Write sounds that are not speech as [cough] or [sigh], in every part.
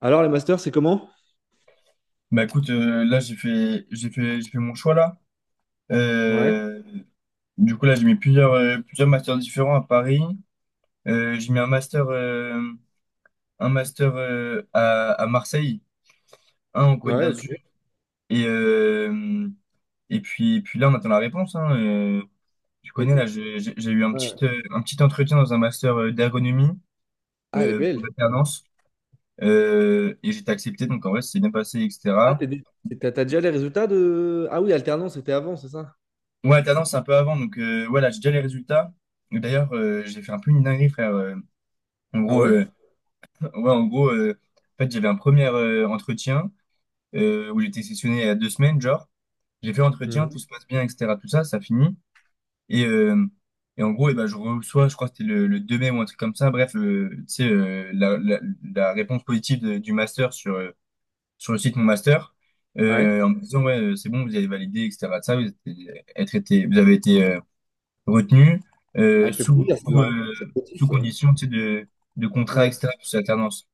Alors, les masters, c'est comment? Bah écoute, là j'ai fait mon choix là. Ouais, Euh, du coup là j'ai mis plusieurs plusieurs masters différents à Paris. J'ai mis un master à Marseille, un en Côte ouais, ok. d'Azur et puis là on attend la réponse, hein. Tu Et- connais, là et- j'ai eu un ouais. petit entretien dans un master d'ergonomie, Ah, elle est pour belle. l'alternance, et j'étais accepté, donc en vrai c'est bien passé, Ah, etc. t'es dé- t'as déjà les résultats de... Ah oui, alternance, c'était avant, c'est ça? Ouais, Tendance, c'est un peu avant. Donc, ouais, j'ai déjà les résultats. Et d'ailleurs, j'ai fait un peu une dinguerie, frère. En Ah gros, ouais? euh, [laughs] ouais, en fait, j'avais un premier entretien où j'étais sessionné il y a 2 semaines, genre. J'ai fait l'entretien, tout Mhm. se passe bien, etc. Tout ça, ça finit. Et, euh, et en gros, et ben, je reçois, je crois que c'était le 2 mai ou un truc comme ça. Bref, tu sais, la réponse positive du master sur, sur le site Mon Master, Ouais. En me disant, ouais, c'est bon, vous avez validé, etc. De ça, vous avez été, retenu, Ah, elle fait plaisir, celle-là, hein. Ça sous motive. condition, tu sais, de contrat, Ouais. etc., pour cette alternance.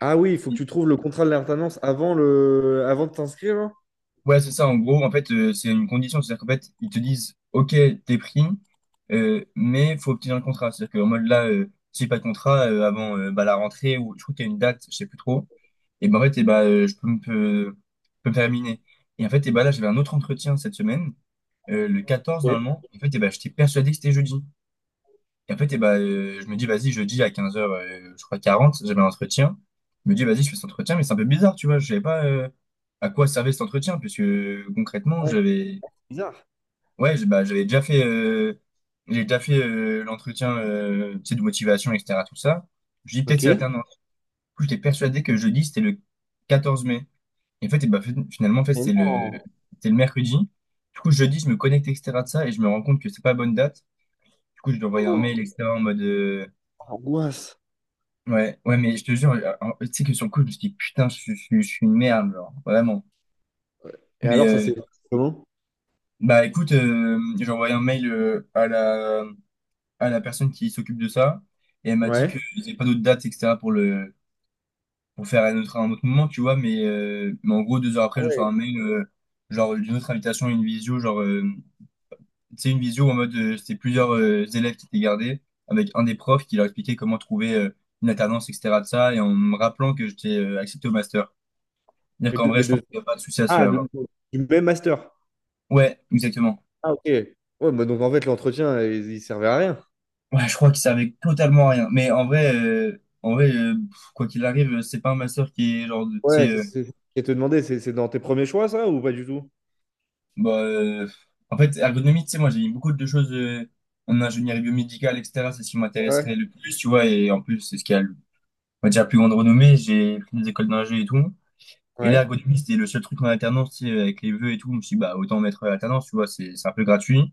Ah oui, il faut que tu trouves le contrat de l'alternance avant le avant de t'inscrire, hein. Ouais, c'est ça, en gros, en fait, c'est une condition, c'est-à-dire qu'en fait, ils te disent, OK, t'es pris, mais faut obtenir le contrat. C'est-à-dire qu'en mode là, si j'ai pas de contrat, avant, bah, la rentrée, ou je trouve qu'il y a une date, je sais plus trop, et ben en fait, et ben, je peux peux me faire éliminer. Et en fait, et ben là, j'avais un autre entretien cette semaine, le 14 Ok. normalement, en fait, et ben, j'étais persuadé que c'était jeudi. Et en fait, eh ben, je me dis, vas-y, jeudi à 15 heures, je crois 40, j'avais un entretien. Je me dis, vas-y, je fais cet entretien, mais c'est un peu bizarre, tu vois. Je savais pas, à quoi servait cet entretien, puisque, concrètement, Ouais, j'avais, c'est bizarre. ouais, j'ai déjà fait l'entretien, tu sais, de motivation, etc. Tout ça. Je dis, peut-être Ok. c'est Et l'alternance. Du coup, j'étais persuadé que jeudi, c'était le 14 mai. Et en fait, eh ben, finalement, en fait, non. C'était le mercredi. Du coup, jeudi, je me connecte, etc. de ça, et je me rends compte que c'est pas la bonne date. Du coup, je lui envoie un mail, Oh, etc., en mode, angoisse. ouais, ouais, mais je te jure, tu sais que sur le coup, je me suis dit, putain, je suis une merde, genre, vraiment. Et Mais, alors, ça c'est... Comment? bah, écoute, j'ai envoyé un mail à la personne qui s'occupe de ça, et elle m'a dit Ouais. que j'ai pas d'autres dates, etc., pour le, pour faire un autre moment, tu vois, mais, en gros, 2 heures après, Ah je reçois ouais. un mail, genre, d'une autre invitation, à une visio, genre, tu sais, une visio en mode, c'était plusieurs élèves qui étaient gardés, avec un des profs qui leur expliquait comment trouver une alternance, etc., de ça, et en me rappelant que j'étais accepté au master. C'est-à-dire Mais qu'en de, vrai, mais je pense de... qu'il n'y a pas de souci à se Ah, faire, de- genre. du même master. Ouais, exactement. Ah, ok. Ouais, bah donc en fait, l'entretien il servait à rien. Ouais, je crois qu'il servait totalement à rien. Mais en vrai, pff, quoi qu'il arrive, c'est pas un master qui est genre, tu Ouais, sais, je te demander, c'est dans tes premiers choix, ça, ou pas du tout? bah, euh, en fait, ergonomie, tu sais, moi, j'ai mis beaucoup de choses en ingénierie biomédicale, etc. C'est ce qui Ouais. m'intéresserait le plus, tu vois. Et en plus, c'est ce qui a, on va dire, la plus grande renommée. J'ai pris des écoles d'ingé et tout. Et là, Ouais. ergonomie, c'était le seul truc en alternance, tu sais, avec les vœux et tout. Je me suis dit, bah, autant mettre alternance, tu vois, c'est un peu gratuit.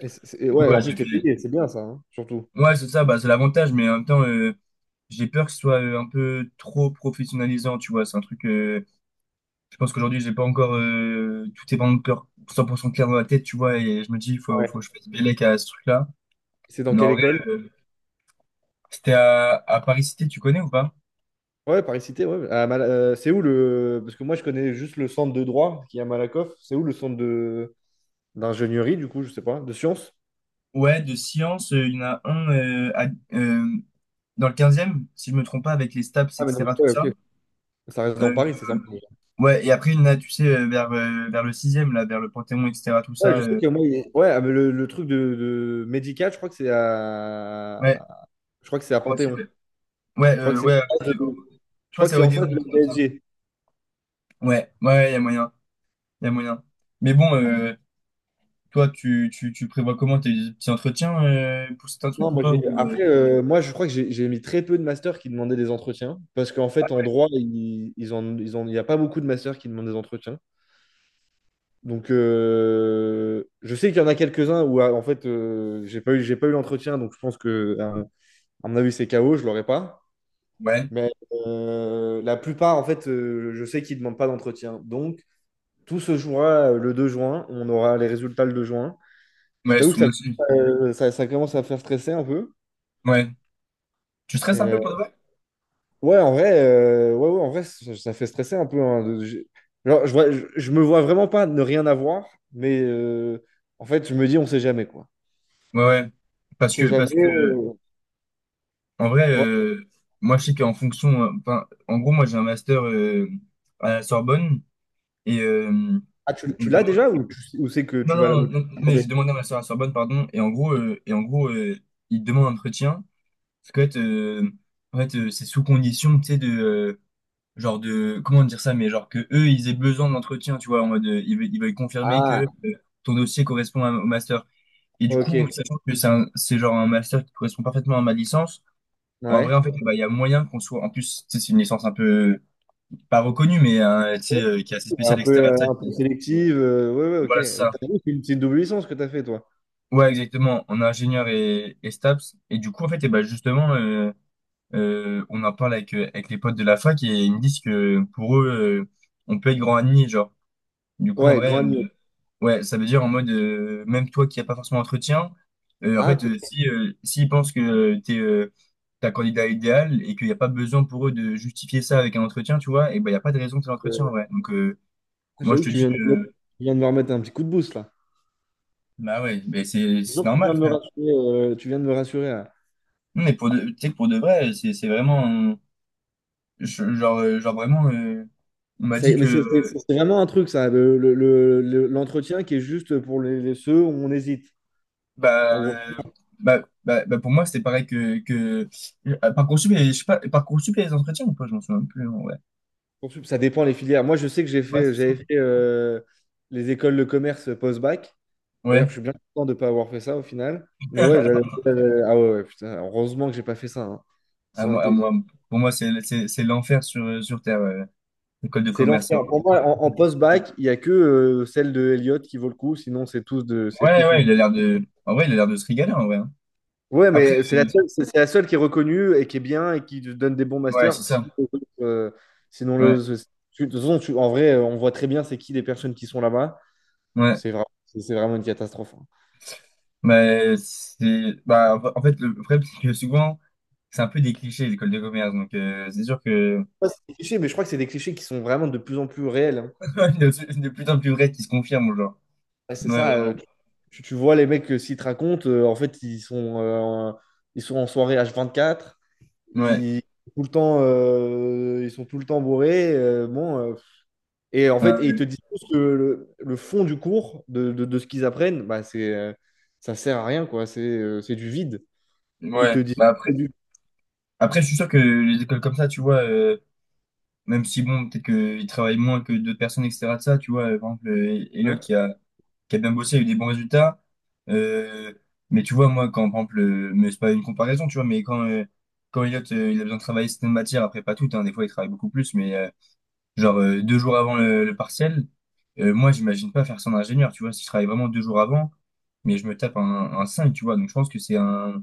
Du coup, Ouais, bah, en plus, j'ai t'es fait, payé, c'est bien ça, hein, surtout. ouais, c'est ça, bah, c'est l'avantage, mais en même temps, j'ai peur que ce soit un peu trop professionnalisant, tu vois. C'est un truc, je pense qu'aujourd'hui, j'ai pas encore, tout est pas encore 100% clair dans la tête, tu vois, et je me dis, Ouais. faut que je fasse bellec à ce truc-là. C'est dans Non, quelle en vrai, école? C'était à Paris Cité, tu connais ou pas? Ouais, Paris-Cité, ouais. C'est où le. Parce que moi, je connais juste le centre de droit qui est à Malakoff. C'est où le centre de... d'ingénierie, du coup, je sais pas, de sciences? Ouais, de sciences, il y en a un, euh, dans le 15e si je me trompe pas, avec les STAPS, Ah, mais donc, etc., tout ouais, ça. ok. Ça reste dans Euh, Paris, c'est ça. ouais, et après, il y en a, tu sais, vers le 6e là, vers le Panthéon, etc., tout Ouais, ça. je sais que ouais, ah, mais le truc de médical, je crois que c'est Ouais, à. Je crois que c'est je à crois Panthéon. Ouais, Je crois que c'est. ouais, à côté je Je crois crois que que c'est à c'est en Odéon, face de un la truc comme ça. PSG. Ouais, ouais, il y a moyen, il y a moyen. Mais bon, toi, tu prévois comment tes petits entretiens, pour certains Non, trucs ou moi pas? j'ai. Après, moi je crois que j'ai mis très peu de masters qui demandaient des entretiens. Parce qu'en fait, en droit, il n'y a pas beaucoup de masters qui demandent des entretiens. Donc je sais qu'il y en a quelques-uns où ah, en fait j'ai pas eu l'entretien, donc je pense que à mon avis c'est KO, je l'aurais pas. Ouais, Mais la plupart, en fait, je sais qu'ils demandent pas d'entretien. Donc tout se jouera le 2 juin. On aura les résultats le 2 juin. Je ouais, t'avoue que sous aussi. Ça commence à faire stresser un peu. Ouais. Tu stresses un peu Euh, pour de vrai? Ouais, en vrai, ouais, en vrai, ça fait stresser un peu, hein. Je me vois vraiment pas ne rien avoir, mais en fait, je me dis, on sait jamais, quoi. Ouais, ouais. On Parce que, sait jamaisparce que, en vrai, Ouais. Moi, je sais qu'en fonction, enfin, en gros, moi, j'ai un master à la Sorbonne et, Ah, et tu il l'as demande- déjà ou c'est que non, tu vas là non, où tu non, non, vas mais demander? j'ai demandé un master à la Sorbonne, pardon, et en gros, il demande un entretien. Parce qu'en fait, en fait c'est sous condition, tu sais, genre de, comment dire ça, mais genre que eux, ils aient besoin d'entretien, tu vois, en mode, ils veulent confirmer Ah, que, euh, ton dossier correspond au master. Et du coup, ok. sachant que c'est genre un master qui correspond parfaitement à ma licence, en vrai, Ouais. en fait, bah, il y a moyen qu'on soit, en plus, tu sais, c'est une licence un peu, pas reconnue, mais hein, tu sais, qui est assez spéciale, etc. Ça, Un peu sélective, ouais, voilà, c'est ouais, ok. ça. T'as vu, c'est une double licence que t'as fait, toi. Ouais, exactement, en ingénieur et STAPS. Et du coup, en fait, et bah, justement, on en parle avec, avec les potes de la fac et ils me disent que pour eux, on peut être grand admis, genre. Du coup, en Ouais, vrai, grand niveau. Ouais, ça veut dire en mode, même toi qui n'as pas forcément d'entretien, en Ah, fait, peut-être. si, s'ils pensent que t'es, ta candidat idéal et qu'il n'y a pas besoin pour eux de justifier ça avec un entretien, tu vois, et ben, il n'y a pas de raison de faire l'entretien, en euh, vrai. Donc, moi, je j'avoue te que tu dis viens de, me- que, tu viens de me remettre un petit coup de boost, là. bah ouais, ben, c'est Disons que tu viens normal, de me frère. rassurer, tu viens de me rassurer. Non, mais tu sais que pour de vrai, c'est vraiment, genre, genre vraiment, on m'a dit C'est mais c'est- que, C'est vraiment un truc, ça, l'entretien qui est juste pour ceux où on hésite. En gros, Bah, bah, pour moi, c'était pareil que... Parcoursup, je sais pas, Parcoursup, il y a les entretiens ou pas? Je m'en souviens plus, hein. Ouais, ça dépend les filières. Moi, je sais que ouais, c'est ça. j'avais fait les écoles de commerce post-bac. D'ailleurs, Ouais. je suis bien content de ne pas avoir fait ça au final. Mais ouais, [laughs] ah ouais, ouais, putain, heureusement que j'ai pas fait ça, hein. À Ça aurait moi, à été une. moi, pour moi, c'est l'enfer sur, sur Terre, ouais. L'école de C'est commerce. l'enfer. Pour moi, en, en post-bac, il n'y a que celle de Elliott qui vaut le coup. Sinon, c'est Ouais, tous une. ouais, il a l'air de... En vrai, il a l'air de se régaler, en vrai, hein. Ouais, Après, mais c'est la seule, c'est la seule qui est reconnue et qui est bien et qui te donne des bons ouais, c'est masters. Si- ça. euh, sinon, Ouais, le, ce- tu- De toute façon, en vrai, on voit très bien c'est qui les personnes qui sont là-bas. ouais. C'est vraiment une catastrophe, hein. Mais c'est... Bah, en fait, le problème, c'est que souvent, c'est un peu des clichés, l'école de commerce. Donc, c'est sûr que... Ouais, c'est des clichés, mais je crois que c'est des clichés qui sont vraiment de plus en plus réels, hein. [laughs] Il y a de plus en plus vrai qui se confirme, genre. Ouais, c'est Ouais, ça. Vraiment. Tu vois les mecs que s'ils te racontent, en fait, ils sont en soirée H24. Ouais, Ils, Tout le temps, ils sont tout le temps bourrés. Et en ouais, fait, et ils te ouais. disent tous que le fond du cours, de ce qu'ils apprennent, bah, ça sert à rien, quoi. C'est du vide. Ils te Ouais. disent Bah c'est du. après, je suis sûr que les écoles comme ça, tu vois, même si bon, peut-être qu'ils travaillent moins que d'autres personnes, etc. De ça, tu vois, par exemple, Elliot Ouais. Qui a bien bossé, a eu des bons résultats. Euh, mais tu vois, moi, quand, par exemple, mais c'est pas une comparaison, tu vois, mais quand, quand Elliot, il a besoin de travailler certaines matières, après pas toutes, hein, des fois, il travaille beaucoup plus, mais 2 jours avant le partiel, moi, j'imagine pas faire ça en ingénieur, tu vois, si je travaille vraiment 2 jours avant, mais je me tape un 5, tu vois, donc je pense que c'est un.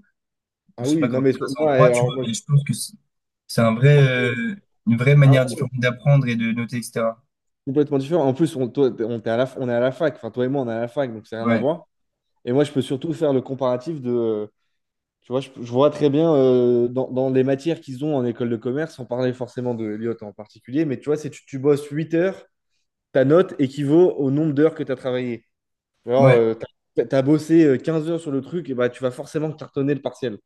Je Ah sais oui, pas comment non, mais ça se passe en moi, droit, tu vois, mais je pense que c'est un je- vrai, moi, je- une vraie ah manière ouais, différente d'apprendre et de noter, etc. complètement différent. En plus, on, toi, t'es- on, t'es à la, on est à la fac. Enfin, toi et moi, on est à la fac, donc c'est rien à Ouais, voir. Et moi, je peux surtout faire le comparatif de, Tu vois, je vois très bien dans, dans les matières qu'ils ont en école de commerce, sans parler forcément de Elliott en particulier, mais tu vois, si tu bosses 8 heures, ta note équivaut au nombre d'heures que tu as travaillé. Alors, ouais, t'as bossé 15 heures sur le truc, et bah, tu vas forcément cartonner le partiel.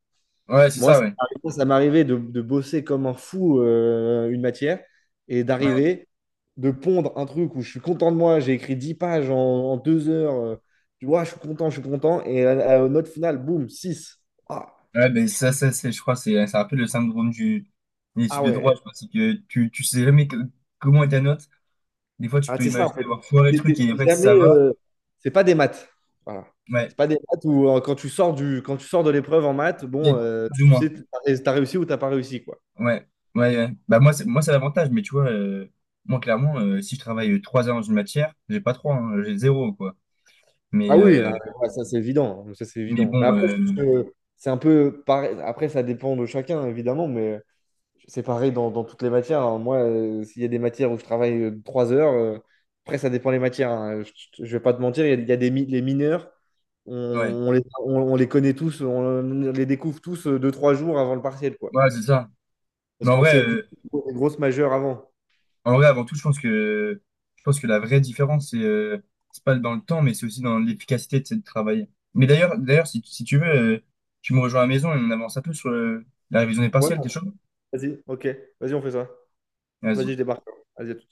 ouais, c'est Moi, ça, ouais. Ça m'arrivait de bosser comme un fou une matière et Ouais, d'arriver, de pondre un truc où je suis content de moi, j'ai écrit 10 pages en 2 heures. Tu vois, je suis content, je suis content. Et note finale, boum, six. Ah, ouais ben c'est, je crois, c'est un peu le syndrome de l'étude de droit, ouais, je crois, c'est que tu sais jamais comment est ta note. Des fois, tu peux c'est ça en imaginer fait. avoir foiré le truc et en T'es fait, ça jamais, va. C'est pas des maths. Voilà. Ouais, C'est pas des maths où quand tu sors de l'épreuve en maths, bon, peut-être, plus ou tu sais, moins. t'as réussi ou t'as pas réussi, quoi. Ouais, ouais, ouais. Bah, moi, c'est l'avantage, mais tu vois, moi, clairement, si je travaille 3 heures dans une matière, j'ai pas trois, hein, j'ai zéro, quoi. Mais, Ah oui, ah, ouais, ça c'est évident, hein, ça c'est évident. bon, Mais après, je pense que c'est un peu pareil. Après, ça dépend de chacun, évidemment, mais c'est pareil dans toutes les matières, hein. Moi, s'il y a des matières où je travaille 3 heures, après, ça dépend les matières, hein. Je ne vais pas te mentir, il y a les mineurs, ouais, on les connaît tous, on les découvre tous deux, trois jours avant le partiel, quoi. ouais, c'est ça. Mais Parce en qu'on s'est vrai, occupé des grosses majeures avant. Avant tout, je pense que la vraie différence, c'est, c'est pas dans le temps, mais c'est aussi dans l'efficacité de travailler. Mais d'ailleurs, si tu veux, tu me rejoins à la maison et on avance un peu sur la révision des Ouais, partiels, t'es chaud? vas-y, ok, vas-y, on fait ça. Vas-y, Vas-y. je débarque. Vas-y, à tout